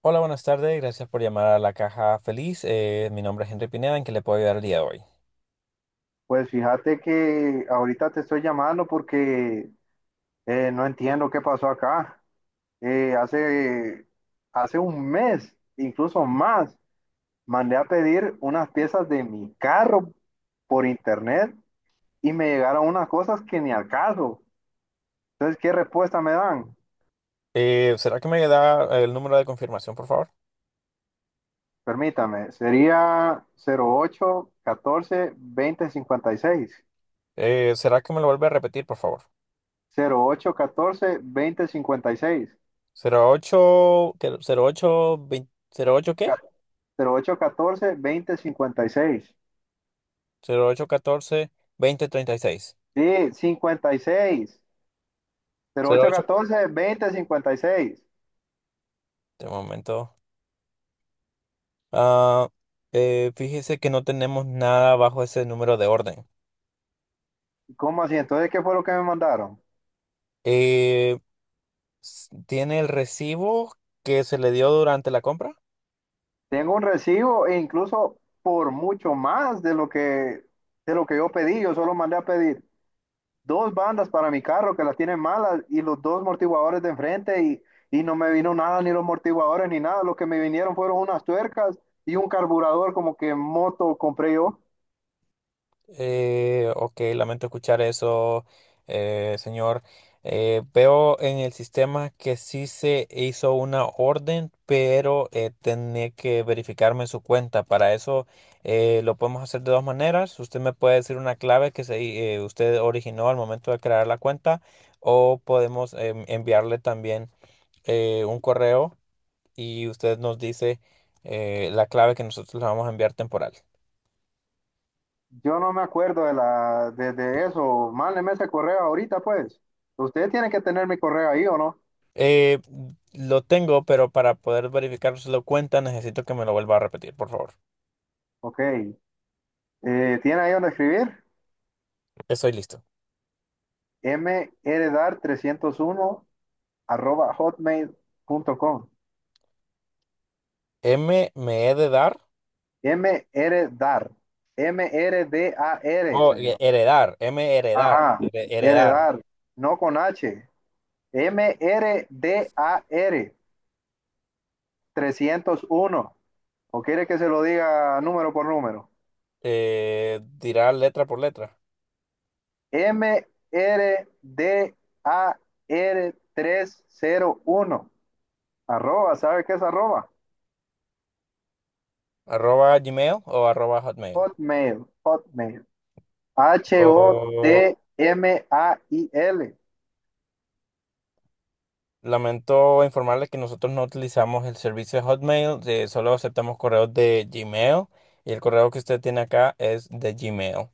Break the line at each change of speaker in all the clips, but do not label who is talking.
Hola, buenas tardes. Gracias por llamar a la Caja Feliz. Mi nombre es Henry Pineda. ¿En qué le puedo ayudar el día de hoy?
Pues fíjate que ahorita te estoy llamando porque no entiendo qué pasó acá. Eh, hace, Hace un mes, incluso más, mandé a pedir unas piezas de mi carro por internet y me llegaron unas cosas que ni al caso. Entonces, ¿qué respuesta me dan?
¿Será que me da el número de confirmación, por favor?
Permítame, sería 0088142056,
¿Será que me lo vuelve a repetir, por favor?
08142056,
Cero ocho, ¿qué? 08, 20, ¿08 qué?
08142056.
08 14 20 36.
Sí, 56, cero
Cero
ocho
ocho.
catorce, veinte, cincuenta y seis.
De momento. Ah, fíjese que no tenemos nada bajo ese número de orden.
¿Cómo así? Entonces, ¿qué fue lo que me mandaron?
Eh, ¿tiene el recibo que se le dio durante la compra?
Tengo un recibo e incluso por mucho más de lo que yo pedí. Yo solo mandé a pedir dos bandas para mi carro que las tienen malas y los dos amortiguadores de enfrente y no me vino nada, ni los amortiguadores ni nada. Lo que me vinieron fueron unas tuercas y un carburador como que moto compré yo.
Ok, lamento escuchar eso, señor. Veo en el sistema que sí se hizo una orden, pero tenía que verificarme su cuenta. Para eso, lo podemos hacer de dos maneras. Usted me puede decir una clave que se, usted originó al momento de crear la cuenta, o podemos enviarle también un correo y usted nos dice la clave que nosotros le vamos a enviar temporal.
Yo no me acuerdo de eso. Mándeme ese correo ahorita, pues. Usted tiene que tener mi correo ahí, ¿o no?
Eh, lo tengo, pero para poder verificar si lo cuenta, necesito que me lo vuelva a repetir, por favor.
Ok. ¿Tiene ahí donde escribir?
Estoy listo.
mrdar301@hotmail.com.
M me he de dar.
Mrdar. M-R-D-A-R, M R D A R,
O
señor.
heredar. M heredar.
Ajá.
Heredar.
Heredar. No con H. mrdar r d 301. ¿O quiere que se lo diga número por número?
Dirá letra por letra.
MRDAR301. Arroba, ¿sabe qué es arroba?
Arroba Gmail o arroba Hotmail.
Hotmail, Hotmail.
O-
H-O-T-M-A-I-L.
lamento informarles que nosotros no utilizamos el servicio de Hotmail, solo aceptamos correos de Gmail, y el correo que usted tiene acá es de Gmail.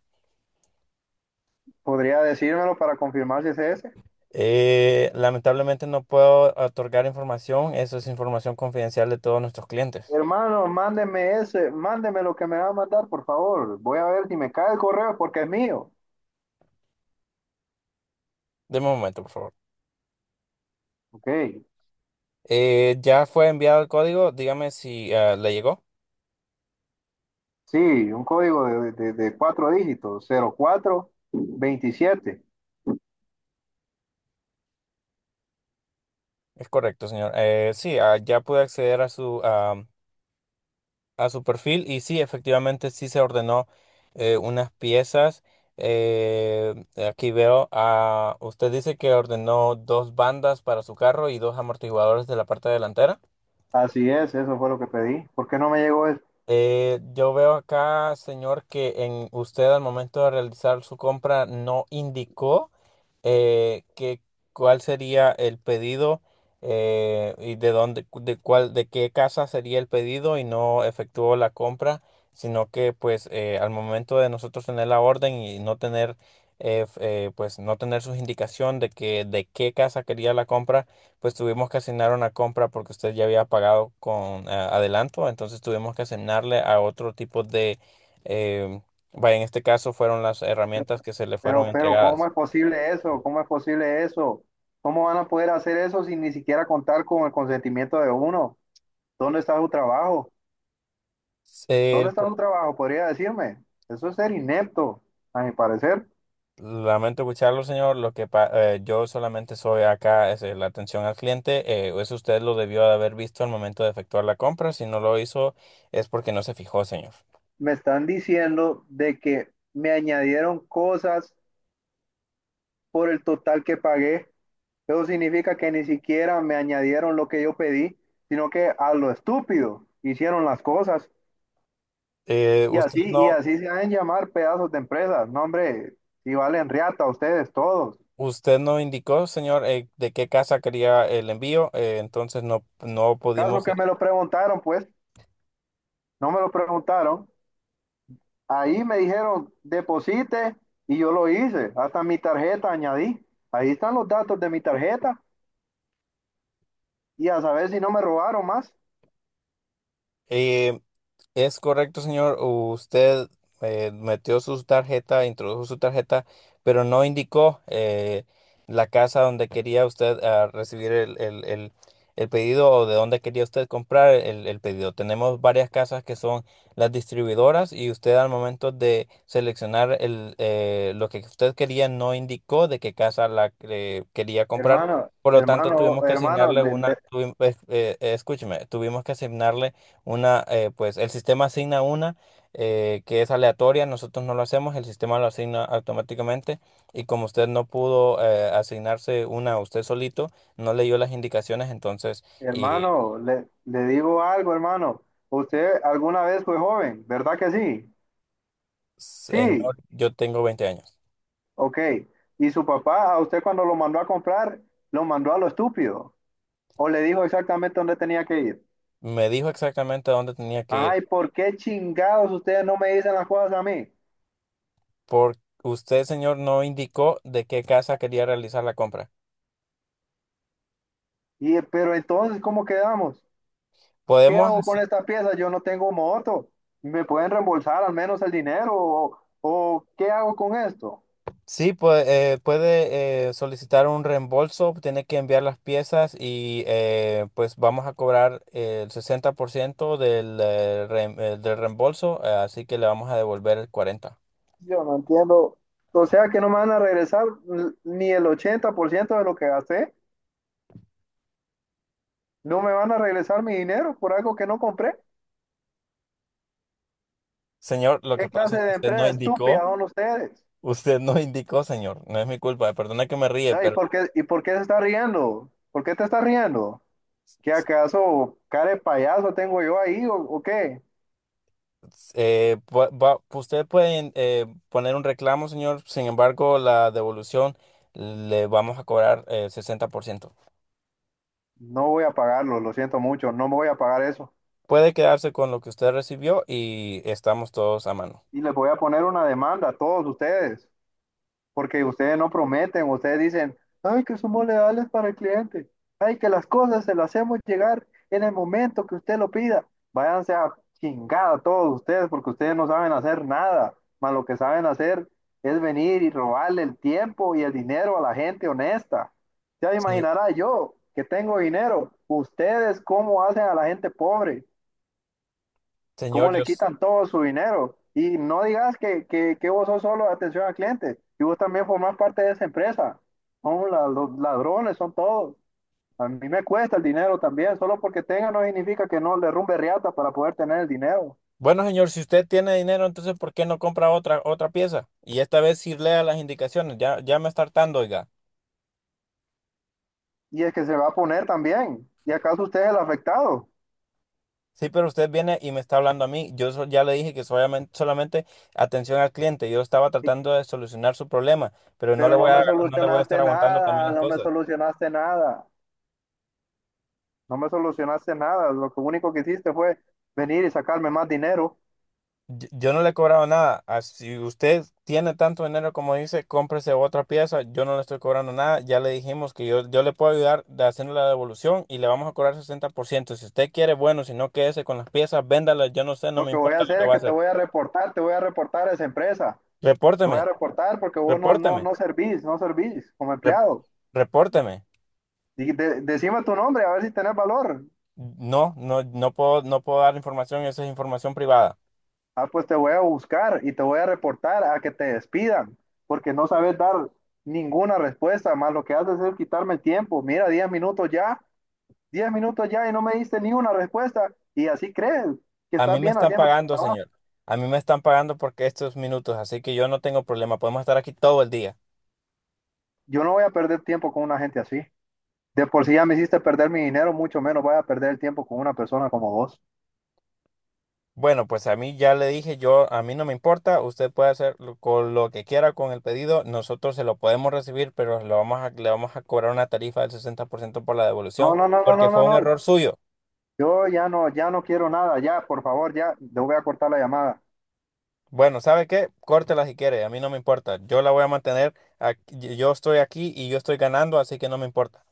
¿Podría decírmelo para confirmar si es ese?
Lamentablemente no puedo otorgar información, eso es información confidencial de todos nuestros clientes.
Hermano, mándeme ese, mándeme lo que me va a mandar, por favor. Voy a ver si me cae el correo porque es mío.
Deme un momento, por favor.
Ok,
Ya fue enviado el código, dígame si le llegó.
sí, un código de cuatro dígitos, 0427.
Es correcto, señor. Sí, ya pude acceder a su, a su perfil, y sí, efectivamente sí se ordenó unas piezas. Eh, aquí veo, usted dice que ordenó dos bandas para su carro y dos amortiguadores de la parte delantera.
Así es, eso fue lo que pedí. ¿Por qué no me llegó eso?
Yo veo acá, señor, que en usted al momento de realizar su compra no indicó que cuál sería el pedido, y de dónde, de cuál, de qué casa sería el pedido, y no efectuó la compra, sino que pues al momento de nosotros tener la orden y no tener eh, f- pues no tener su indicación de que de qué casa quería la compra, pues tuvimos que asignar una compra porque usted ya había pagado con adelanto. Entonces tuvimos que asignarle a otro tipo de, eh, vaya, en este caso fueron las herramientas que se le fueron
Pero, ¿cómo
entregadas.
es posible eso? ¿Cómo es posible eso? ¿Cómo van a poder hacer eso sin ni siquiera contar con el consentimiento de uno? ¿Dónde está su trabajo?
Eh, El
¿Dónde
pro-
está su trabajo? Podría decirme. Eso es ser inepto, a mi parecer.
Lamento escucharlo, señor. Yo solamente soy acá, es la atención al cliente. Eh, eso usted lo debió de haber visto al momento de efectuar la compra; si no lo hizo, es porque no se fijó, señor.
Me están diciendo de que me añadieron cosas por el total que pagué. Eso significa que ni siquiera me añadieron lo que yo pedí, sino que a lo estúpido hicieron las cosas.
Eh,
Y
usted
así, y
no,
así se han llamar pedazos de empresas. No, hombre, si valen riata ustedes todos.
Usted no indicó, señor, de qué casa quería el envío. Eh, entonces, no
Caso
pudimos.
que me lo preguntaron, pues, no me lo preguntaron. Ahí me dijeron, deposite, y yo lo hice. Hasta mi tarjeta añadí. Ahí están los datos de mi tarjeta. Y a saber si no me robaron más.
eh, Es correcto, señor. Usted metió su tarjeta, introdujo su tarjeta, pero no indicó la casa donde quería usted recibir el pedido, o de dónde quería usted comprar el pedido. Tenemos varias casas, que son las distribuidoras, y usted al momento de seleccionar el, lo que usted quería, no indicó de qué casa la quería comprar.
Hermano,
Por lo tanto,
hermano,
tuvimos que
hermano,
asignarle una, escúcheme, tuvimos que asignarle una, pues el sistema asigna una que es aleatoria, nosotros no lo hacemos, el sistema lo asigna automáticamente, y como usted no pudo asignarse una usted solito, no leyó las indicaciones, entonces... Y,
hermano, le digo algo, hermano. Usted alguna vez fue joven, ¿verdad que sí?
señor,
Sí,
yo tengo 20 años.
ok, y su papá, a usted cuando lo mandó a comprar, lo mandó a lo estúpido, o le dijo exactamente dónde tenía que ir.
Me dijo exactamente a dónde tenía que ir,
Ajá, ¿y por qué chingados ustedes no me dicen las cosas a mí?
porque usted, señor, no indicó de qué casa quería realizar la compra.
Y, pero entonces, ¿cómo quedamos? ¿Qué hago
Podemos...
con esta pieza? Yo no tengo moto. ¿Me pueden reembolsar al menos el dinero? ¿O qué hago con esto?
Sí, pues puede solicitar un reembolso, tiene que enviar las piezas y, pues vamos a cobrar el 60% del reembolso, así que le vamos a devolver el 40%.
Yo no entiendo. O sea que no me van a regresar ni el 80% de lo que gasté. No me van a regresar mi dinero por algo que no compré.
Señor, lo que
¿Qué
pasa
clase
es que
de empresa estúpida son ustedes?
usted no indicó, señor, no es mi culpa, perdona que me ríe,
Ah, ¿Y
pero
por qué, y por qué se está riendo? ¿Por qué te está riendo? ¿Qué
s-
acaso cara de payaso tengo yo ahí o qué?
usted puede poner un reclamo, señor. Sin embargo, la devolución le vamos a cobrar el 60%.
No voy a pagarlo, lo siento mucho, no me voy a pagar eso.
Puede quedarse con lo que usted recibió y estamos todos a mano.
Y les voy a poner una demanda a todos ustedes, porque ustedes no prometen, ustedes dicen, ay, que somos leales para el cliente, ay, que las cosas se las hacemos llegar en el momento que usted lo pida. Váyanse a chingada todos ustedes, porque ustedes no saben hacer nada, más lo que saben hacer es venir y robarle el tiempo y el dinero a la gente honesta. Ya
Señor,
imaginará yo que tengo dinero, ustedes cómo hacen a la gente pobre cómo
señor, yo
le
s-...
quitan todo su dinero. Y no digas que vos sos solo atención al cliente, y vos también formás parte de esa empresa. Son los ladrones, son todos. A mí me cuesta el dinero también, solo porque tenga no significa que no le rumbe riata para poder tener el dinero.
Bueno, señor, si usted tiene dinero, entonces ¿por qué no compra otra pieza? Y esta vez sí lea las indicaciones. Ya me está hartando, oiga.
Y es que se va a poner también. ¿Y acaso usted es el afectado?
Sí, pero usted viene y me está hablando a mí. Ya le dije que solamente atención al cliente. Yo estaba
Y-
tratando de solucionar su problema, pero no le
Pero no
voy a
me
no le voy a estar
solucionaste
aguantando también
nada,
las
no me
cosas.
solucionaste nada, no me solucionaste nada. Lo que único que hiciste fue venir y sacarme más dinero.
Yo no le he cobrado nada. Si usted tiene tanto dinero como dice, cómprese otra pieza. Yo no le estoy cobrando nada. Ya le dijimos que yo le puedo ayudar de haciendo la devolución y le vamos a cobrar 60%. Si usted quiere, bueno, si no, quédese con las piezas, véndalas. Yo no sé, no
Lo
me
que voy a
importa lo
hacer
que
es
va a
que te
hacer.
voy a reportar, te voy a reportar a esa empresa. Te voy
Repórteme,
a reportar porque vos no, no,
repórteme,
no servís, no servís como
re-
empleado.
repórteme.
Y decime tu nombre, a ver si tenés valor.
No, no, no puedo, no puedo dar información. Esa es información privada.
Ah, pues te voy a buscar y te voy a reportar a que te despidan, porque no sabes dar ninguna respuesta, más lo que haces es quitarme el tiempo. Mira, 10 minutos ya, 10 minutos ya y no me diste ni una respuesta. Y así crees que
A mí
estás
me
bien
están
haciendo tu
pagando,
trabajo.
señor. A mí me están pagando porque estos minutos, así que yo no tengo problema. Podemos estar aquí todo el día.
Yo no voy a perder tiempo con una gente así. De por sí ya me hiciste perder mi dinero, mucho menos voy a perder el tiempo con una persona como vos.
Bueno, pues a mí ya le dije, yo a mí no me importa, usted puede hacer con lo que quiera con el pedido, nosotros se lo podemos recibir, pero le vamos a cobrar una tarifa del 60% por ciento por la
No,
devolución,
no, no, no,
porque
no,
fue
no,
un
no.
error suyo.
Yo ya no, ya no quiero nada, ya, por favor, ya, le voy a cortar la llamada.
Bueno, ¿sabe qué? Córtela si quiere, a mí no me importa, yo la voy a mantener. Yo estoy aquí y yo estoy ganando, así que no me importa.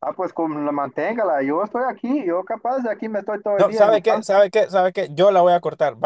Ah, pues con la manténgala, yo estoy aquí, yo capaz de aquí me estoy todo el
No,
día
¿sabe qué?
insultando.
¿Sabe qué? ¿Sabe qué? Yo la voy a cortar.